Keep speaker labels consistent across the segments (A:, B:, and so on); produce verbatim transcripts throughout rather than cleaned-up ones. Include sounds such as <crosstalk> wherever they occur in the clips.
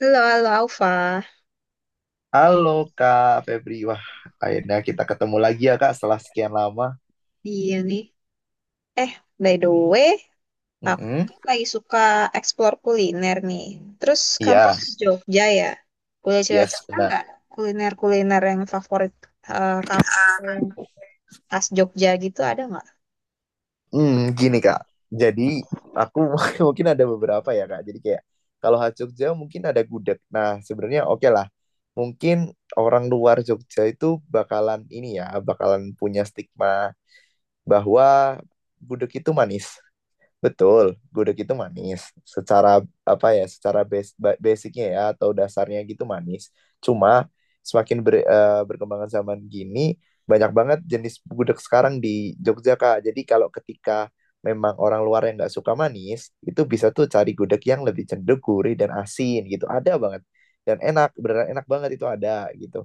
A: Halo, halo Alfa.
B: Halo Kak Febri, wah akhirnya kita ketemu lagi ya Kak setelah sekian lama.
A: Iya nih. Eh, By the way, aku
B: Mm-mm.
A: kan lagi suka explore kuliner nih. Terus kamu
B: Iya,
A: di Jogja ya? Boleh
B: yes
A: cerita-cerita
B: benar.
A: nggak kuliner-kuliner yang favorit eh, kamu yang khas Jogja gitu ada nggak?
B: Hmm, Gini Kak, jadi aku <laughs> mungkin ada beberapa ya Kak. Jadi kayak kalau khas Jogja mungkin ada gudeg. Nah sebenarnya oke lah, mungkin orang luar Jogja itu bakalan ini ya, bakalan punya stigma bahwa gudeg itu manis. Betul, gudeg itu manis. Secara apa ya? Secara bas- ba- basicnya ya atau dasarnya gitu manis. Cuma semakin ber- eh, berkembangan zaman gini, banyak banget jenis gudeg sekarang di Jogja Kak. Jadi kalau ketika memang orang luar yang nggak suka manis, itu bisa tuh cari gudeg yang lebih cenderung gurih dan asin gitu. Ada banget dan enak, beneran enak banget itu ada gitu.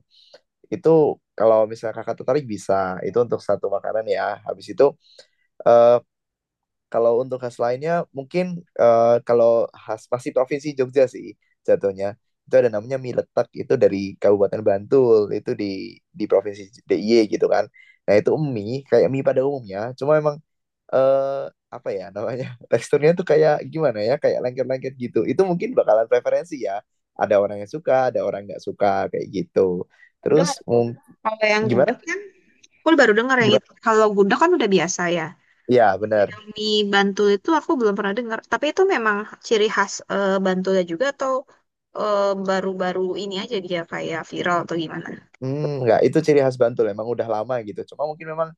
B: Itu kalau misalnya kakak tertarik bisa. Itu untuk satu makanan ya. Habis itu eh, kalau untuk khas lainnya mungkin eh, kalau khas pasti provinsi Jogja sih jatuhnya. Itu ada namanya mie letek itu dari Kabupaten Bantul itu di di provinsi D I Y gitu kan. Nah itu mie kayak mie pada umumnya, cuma emang eh apa ya namanya <laughs> teksturnya tuh kayak gimana ya kayak lengket-lengket gitu. Itu mungkin bakalan preferensi ya. Ada orang yang suka, ada orang nggak suka kayak gitu.
A: Baru
B: Terus
A: dengar tuh.
B: mung-
A: Kalau yang gudeg
B: Gimana?
A: kan, aku baru dengar yang
B: Gimana?
A: itu. Kalau gudeg kan udah biasa ya.
B: Ya benar.
A: Yang mie Bantul itu aku belum pernah dengar. Tapi itu memang ciri khas eh, Bantulnya juga atau eh, baru-baru ini aja dia kayak viral atau gimana?
B: Hmm, nggak, itu ciri khas Bantul. Emang udah lama gitu. Cuma mungkin memang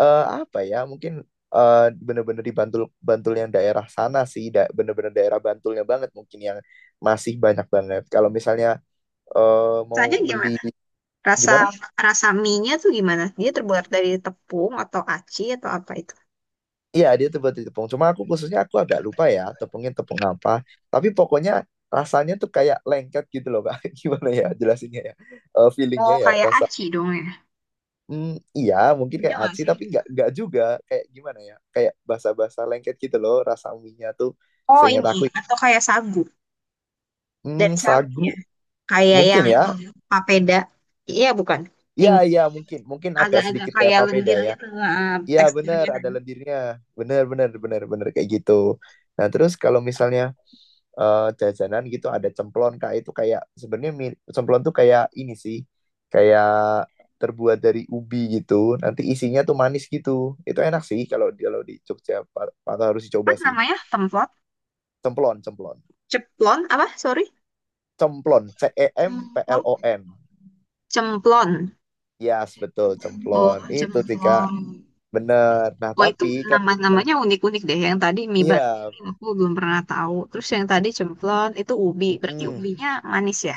B: eh, apa ya mungkin eh, bener-bener di Bantul Bantul yang daerah sana sih da- bener-bener daerah Bantulnya banget mungkin yang masih banyak banget kalau misalnya eh, mau
A: Rasanya
B: beli.
A: gimana? Rasa
B: Gimana?
A: rasa mie-nya tuh gimana? Dia terbuat dari tepung atau aci atau apa itu?
B: Iya, dia tuh buat tepung, cuma aku khususnya aku agak lupa ya tepungnya tepung apa, tapi pokoknya rasanya tuh kayak lengket gitu loh Kak. <laughs> Gimana ya jelasinnya ya? Eh,
A: Oh,
B: feelingnya ya
A: kayak
B: rasa.
A: aci dong ya.
B: Hmm, iya, mungkin
A: Ini
B: kayak
A: nggak
B: aci
A: sih?
B: tapi nggak nggak juga. Kayak gimana ya? Kayak basa-basa lengket gitu loh rasa mie nya tuh
A: Oh,
B: seingat
A: ini
B: aku.
A: atau kayak sagu.
B: Hmm,
A: Dari sagu
B: sagu.
A: ya. Kayak
B: Mungkin
A: yang
B: ya.
A: itu papeda. Iya, bukan.
B: Iya,
A: Yang
B: iya, mungkin. Mungkin agak
A: agak-agak
B: sedikit kayak
A: kayak
B: papeda
A: lendir
B: ya.
A: gitu eh,
B: Iya, bener,
A: teksturnya.
B: ada lendirnya. Bener, bener, bener, bener, kayak gitu. Nah, terus kalau misalnya eh, jajanan gitu ada cemplon, Kak, itu kayak sebenarnya mi- cemplon tuh kayak ini sih. Kayak terbuat dari ubi gitu. Nanti isinya tuh manis gitu. Itu enak sih kalau di- kalau di Jogja pa- pa- harus dicoba
A: Apa
B: sih.
A: namanya? Templon?
B: Cemplon, cemplon.
A: Ceplon apa? Sorry.
B: Cemplon, C E M P L O
A: Cemplon.
B: N.
A: Cemplon.
B: Yes, betul,
A: Oh,
B: cemplon. Itu sih, Kak.
A: cemplon.
B: Bener. Nah,
A: Wah itu
B: tapi kalau.
A: nama-namanya unik-unik deh. Yang tadi mie batu
B: Iya,
A: aku belum pernah tahu. Terus yang tadi cemplon itu ubi. Berarti
B: mm-mm.
A: ubinya manis ya?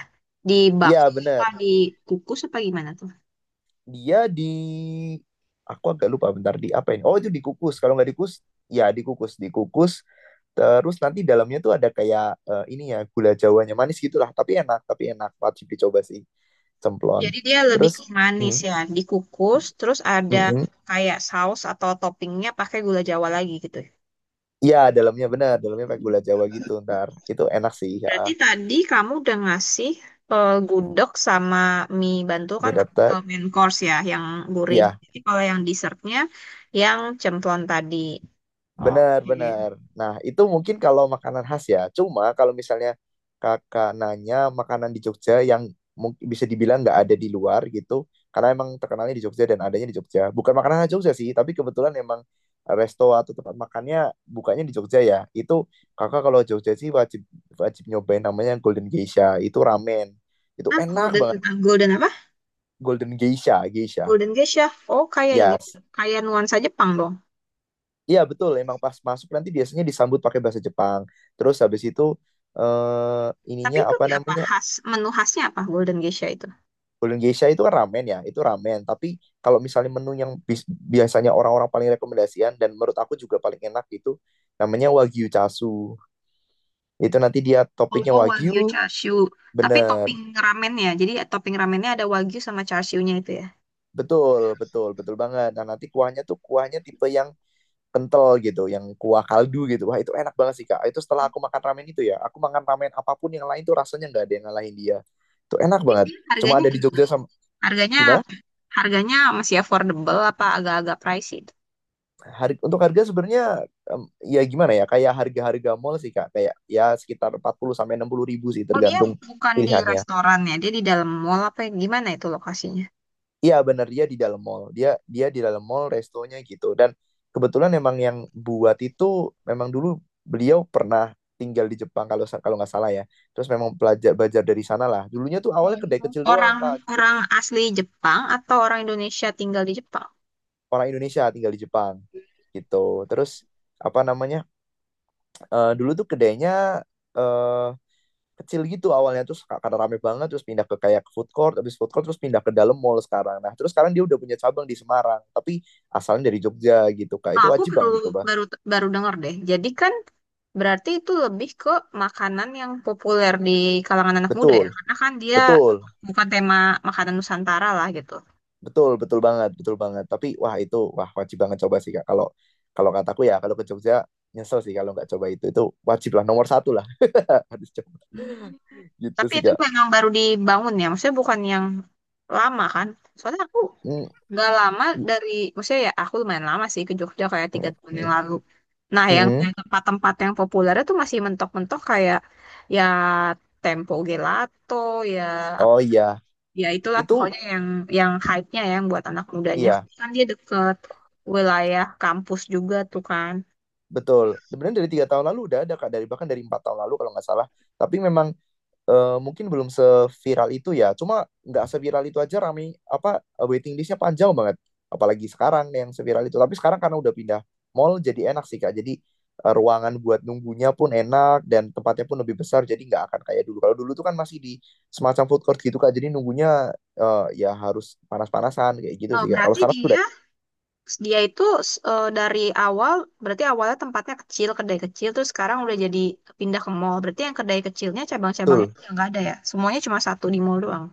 A: Dibak
B: Iya
A: apa
B: benar.
A: dikukus apa gimana tuh?
B: Dia di, aku agak lupa bentar di apa ini. Oh itu dikukus. Kalau nggak dikukus, ya dikukus, dikukus. Terus nanti dalamnya tuh ada kayak eh, ini ya gula jawanya manis gitulah. Tapi enak, tapi enak. Wajib dicoba sih cemplon.
A: Jadi dia lebih
B: Terus,
A: ke manis
B: mm,
A: ya. Dikukus terus ada
B: mm-mm.
A: kayak saus atau toppingnya pakai gula Jawa lagi gitu ya.
B: Iya dalamnya benar, dalamnya pakai gula Jawa gitu ntar. Itu enak sih. Ya.
A: Berarti tadi kamu udah ngasih eh, gudeg sama mie bantu kan
B: Mie
A: tapi ke
B: letek,
A: main course ya yang gurih.
B: ya.
A: Jadi kalau yang dessertnya yang cemplon tadi.
B: Benar, benar.
A: Oke.
B: Nah, itu mungkin kalau makanan khas ya. Cuma kalau misalnya kakak nanya makanan di Jogja yang mungkin bisa dibilang nggak ada di luar gitu, karena emang terkenalnya di Jogja dan adanya di Jogja. Bukan makanan khas Jogja sih, tapi kebetulan emang resto atau tempat makannya bukanya di Jogja ya. Itu kakak kalau Jogja sih wajib wajib nyobain namanya Golden Geisha. Itu ramen. Itu
A: Nah,
B: enak
A: Golden,
B: banget.
A: ah, Golden apa?
B: Golden Geisha, Geisha.
A: Golden Geisha. Oh, kayak ini.
B: Yes.
A: Kayak nuansa Jepang dong.
B: Iya betul, emang pas masuk nanti biasanya disambut pakai bahasa Jepang. Terus habis itu eh
A: Tapi
B: ininya
A: itu
B: apa
A: dia apa?
B: namanya?
A: Khas, menu khasnya apa Golden Geisha itu?
B: Golden Geisha itu kan ramen ya, itu ramen. Tapi kalau misalnya menu yang bis- biasanya orang-orang paling rekomendasian dan menurut aku juga paling enak itu namanya Wagyu Chasu. Itu nanti dia topiknya
A: Oh, Wagyu
B: Wagyu,
A: Chashu. Tapi
B: bener.
A: topping ramennya. Jadi eh, topping ramennya ada Wagyu sama Chashu-nya itu ya.
B: Betul, betul, betul banget. Nah, nanti kuahnya tuh kuahnya tipe yang kental gitu, yang kuah kaldu gitu. Wah itu enak banget sih Kak. Itu setelah aku makan ramen itu ya, aku makan ramen apapun yang lain tuh rasanya nggak ada yang ngalahin dia. Itu enak banget. Cuma
A: Harganya
B: ada di
A: gimana?
B: Jogja sama.
A: Harganya
B: Gimana?
A: harganya masih affordable apa agak-agak pricey itu?
B: Hari, untuk harga sebenarnya em, ya gimana ya? Kayak harga-harga mall sih Kak. Kayak ya sekitar empat puluh sampai enam puluh ribu sih
A: Oh, dia
B: tergantung
A: bukan di
B: pilihannya.
A: restoran ya. Dia di dalam mall apa ya? Gimana itu lokasinya?
B: Iya bener dia di dalam mall. Dia dia di dalam mall restonya gitu. Dan kebetulan emang yang buat itu memang dulu beliau pernah tinggal di Jepang kalau sa- kalau nggak salah ya. Terus memang belajar belajar dari sana lah. Dulunya tuh awalnya kedai kecil doang
A: Orang
B: Kak. Terus.
A: orang asli Jepang atau orang Indonesia tinggal di Jepang?
B: Orang Indonesia tinggal di Jepang gitu. Terus apa namanya? Eh, dulu tuh kedainya eh kecil gitu awalnya terus ka- karena rame banget terus pindah ke kayak food court, habis food court terus pindah ke dalam mall sekarang. Nah terus sekarang dia udah punya cabang di Semarang tapi asalnya dari Jogja gitu Kak.
A: Ah,
B: Itu
A: aku
B: wajib
A: perlu
B: banget dicoba.
A: baru baru dengar deh. Jadi kan berarti itu lebih ke makanan yang populer di kalangan anak muda ya.
B: Betul,
A: Karena kan dia
B: betul,
A: bukan tema makanan Nusantara lah gitu.
B: betul, betul banget, betul banget. Tapi wah itu wah wajib banget coba sih Kak, kalau kalau kataku ya, kalau ke Jogja nyesel sih kalau nggak coba itu itu wajib lah, nomor satu lah. <laughs> Harus coba
A: Hmm.
B: gitu
A: Tapi
B: sih
A: itu
B: Kak.
A: memang baru dibangun ya. Maksudnya bukan yang lama kan. Soalnya aku
B: Mm,
A: nggak lama
B: mm,
A: dari, maksudnya ya aku lumayan lama sih ke Jogja kayak tiga tahun yang
B: mm,
A: lalu. Nah, yang
B: mm.
A: kayak tempat-tempat yang populer itu masih mentok-mentok kayak ya Tempo Gelato, ya
B: Oh iya
A: ya itulah
B: itu.
A: pokoknya yang yang hype-nya ya, yang buat anak mudanya.
B: Iya.
A: Kan dia deket wilayah kampus juga tuh kan.
B: Betul. Sebenarnya dari tiga tahun lalu udah ada Kak, dari bahkan dari empat tahun lalu kalau nggak salah. Tapi memang eh, mungkin belum seviral itu ya. Cuma nggak seviral itu aja rame apa eh, waiting listnya panjang banget. Apalagi sekarang yang seviral itu. Tapi sekarang karena udah pindah mall jadi enak sih Kak. Jadi eh, ruangan buat nunggunya pun enak dan tempatnya pun lebih besar. Jadi nggak akan kayak dulu. Kalau dulu tuh kan masih di semacam food court gitu Kak. Jadi nunggunya eh, ya harus panas-panasan kayak gitu
A: Oh,
B: sih Kak. Kalau
A: berarti
B: sekarang sudah
A: dia dia itu eh, dari awal berarti awalnya tempatnya kecil kedai kecil terus sekarang udah jadi pindah ke mall. Berarti yang kedai kecilnya cabang-cabangnya
B: betul.
A: udah nggak ada ya? Semuanya cuma satu di mall doang.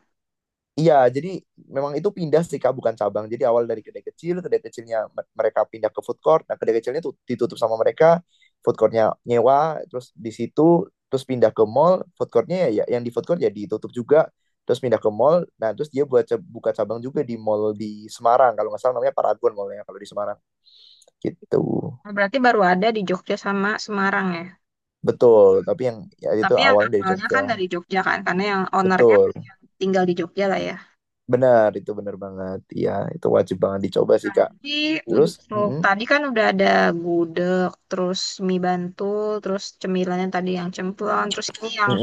B: Iya, jadi memang itu pindah sih Kak, bukan cabang. Jadi awal dari kedai kecil, kedai kecilnya me- mereka pindah ke food court. Nah, kedai kecilnya tuh ditutup sama mereka, food courtnya nyewa, terus di situ terus pindah ke mall, food courtnya ya ya- yang di food court ya ditutup juga, terus pindah ke mall. Nah, terus dia buat ce- buka cabang juga di mall di Semarang, kalau nggak salah namanya Paragon mallnya kalau di Semarang. Gitu.
A: Nah, berarti baru ada di Jogja sama Semarang ya.
B: Betul, tapi yang ya itu
A: Tapi yang
B: awalnya dari
A: awalnya
B: Jogja.
A: kan dari Jogja kan karena yang ownernya
B: Betul,
A: tinggal di Jogja lah ya.
B: benar itu benar banget. Iya, itu wajib banget dicoba sih Kak.
A: Tapi
B: Terus,
A: untuk
B: mm.
A: tadi kan udah ada gudeg, terus mie bantul, terus cemilannya tadi yang cemplon, terus ini yang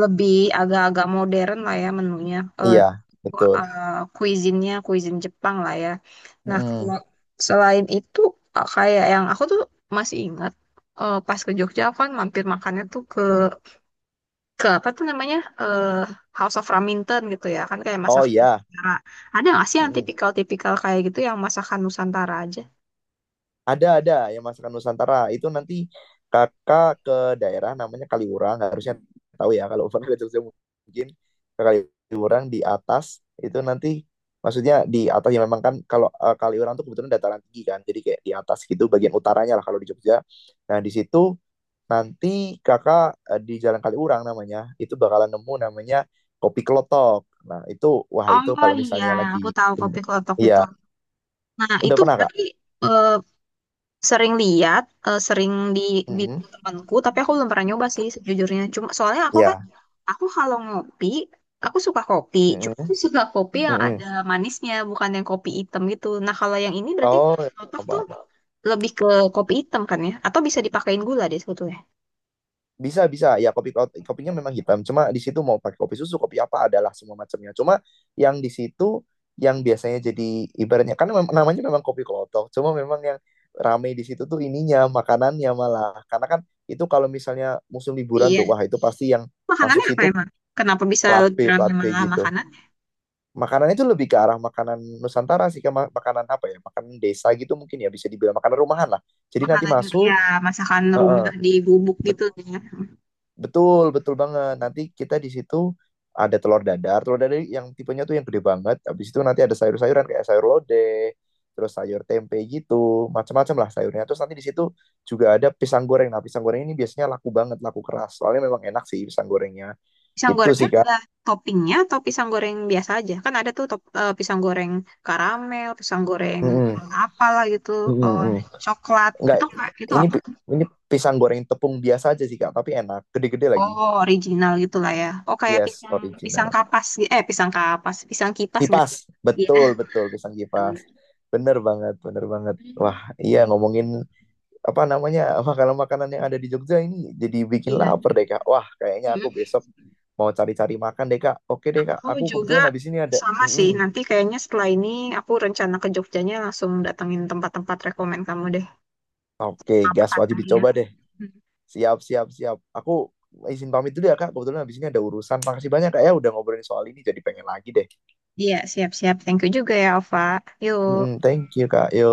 A: lebih agak-agak modern lah ya menunya. Eh
B: Iya, betul.
A: eh, cuisine-nya cuisine Jepang lah ya. Nah, kalau
B: Mhm.
A: selain itu eh, kayak yang aku tuh masih ingat eh, pas ke Jogja aku kan mampir makannya tuh ke ke apa tuh namanya? eh House of Raminten gitu ya. Kan kayak
B: Oh
A: masakan
B: iya,
A: Nusantara. Ada nggak sih yang
B: mhm.
A: tipikal-tipikal kayak gitu yang masakan Nusantara aja?
B: Ada ada yang masakan Nusantara itu nanti kakak ke daerah namanya Kaliurang, harusnya tahu ya kalau <laughs> pernah ke Jogja, mungkin ke Kaliurang di atas. Itu nanti maksudnya di atas ya, memang kan kalau eh, Kaliurang tuh kebetulan dataran tinggi kan, jadi kayak di atas gitu bagian utaranya lah kalau di Jogja. Nah di situ. Nanti kakak eh, di Jalan Kaliurang namanya, itu bakalan nemu namanya Kopi Kelotok. Nah, itu, wah itu
A: Oh
B: kalau
A: iya,
B: misalnya
A: aku
B: lagi
A: tahu
B: ini.
A: kopi klotok itu.
B: Iya,
A: Nah,
B: udah
A: itu
B: pernah, Kak?
A: berarti eh, sering lihat, eh, sering dibikin
B: Mm-mm.
A: temanku, tapi aku belum pernah nyoba sih sejujurnya. Cuma soalnya aku kan,
B: Iya.
A: aku kalau ngopi, aku suka kopi. Cuma aku
B: Mm-mm.
A: suka kopi yang ada
B: Mm-mm.
A: manisnya, bukan yang kopi hitam gitu. Nah, kalau yang ini berarti
B: Oh,
A: kopi klotok tuh
B: apa?
A: lebih ke kopi hitam kan ya? Atau bisa dipakein gula deh sebetulnya.
B: Bisa, bisa. Ya kopi ko- kopinya memang hitam. Cuma di situ mau pakai kopi susu, kopi apa adalah semua macamnya. Cuma yang di situ yang biasanya jadi ibaratnya kan mem- namanya memang kopi klotok. Cuma memang yang ramai di situ tuh ininya, makanannya malah. Karena kan itu kalau misalnya musim liburan tuh,
A: Iya.
B: wah itu pasti yang masuk
A: Makanannya apa
B: situ
A: emang? Kenapa bisa
B: plat
A: lebih
B: B,
A: ramai
B: plat B
A: malah
B: gitu.
A: makanan?
B: Makanannya itu lebih ke arah makanan Nusantara sih, ke ma- makanan apa ya, makanan desa gitu mungkin ya bisa dibilang makanan rumahan lah. Jadi nanti
A: Makanan
B: masuk,
A: ya masakan
B: heeh.
A: rumah di gubuk gitu ya.
B: Betul, betul banget. Nanti kita di situ ada telur dadar, telur dadar yang tipenya tuh yang gede banget. Habis itu nanti ada sayur-sayuran kayak sayur lodeh, terus sayur tempe gitu, macam-macam lah sayurnya. Terus nanti di situ juga ada pisang goreng. Nah, pisang goreng ini biasanya laku banget, laku keras. Soalnya memang enak sih pisang gorengnya.
A: Pisang
B: Gitu
A: gorengnya
B: sih, Kak.
A: ada toppingnya atau pisang goreng biasa aja? Kan ada tuh top, eh, pisang goreng karamel, pisang goreng
B: Mm-mm,
A: apalah gitu,
B: mm-mm,
A: eh,
B: mm.
A: coklat.
B: Enggak,
A: Itu ka- itu
B: ini
A: apa?
B: pi- ini pisang goreng tepung biasa aja sih, Kak, tapi enak, gede-gede lagi.
A: Oh, original gitu lah ya. Oh, kayak
B: Yes,
A: pisang pisang
B: original.
A: kapas, gi- eh pisang kapas, pisang kipas nggak
B: Kipas,
A: sih? Iya,
B: betul, betul pisang kipas.
A: benar.
B: Bener banget, bener banget. Wah iya, ngomongin apa namanya makanan-makanan yang ada di Jogja ini jadi bikin
A: Iya.
B: lapar deh Kak. Wah kayaknya aku
A: Mm.
B: besok mau cari-cari makan deh Kak. Oke deh Kak,
A: Aku
B: aku
A: juga
B: kebetulan habis ini ada.
A: sama sih.
B: Mm-mm.
A: Nanti kayaknya setelah ini aku rencana ke Jogjanya langsung datengin tempat-tempat rekomen kamu deh.
B: Oke gas, wajib
A: Makanannya.
B: dicoba deh.
A: Hmm.
B: Siap, siap, siap. Aku izin pamit dulu ya Kak, kebetulan habis ini ada urusan. Makasih banyak Kak, ya udah ngobrolin soal ini, jadi pengen lagi deh.
A: Iya, siap-siap. Thank you juga ya, Ova.
B: Mm-mm,
A: Yuk.
B: thank you Kak, yo.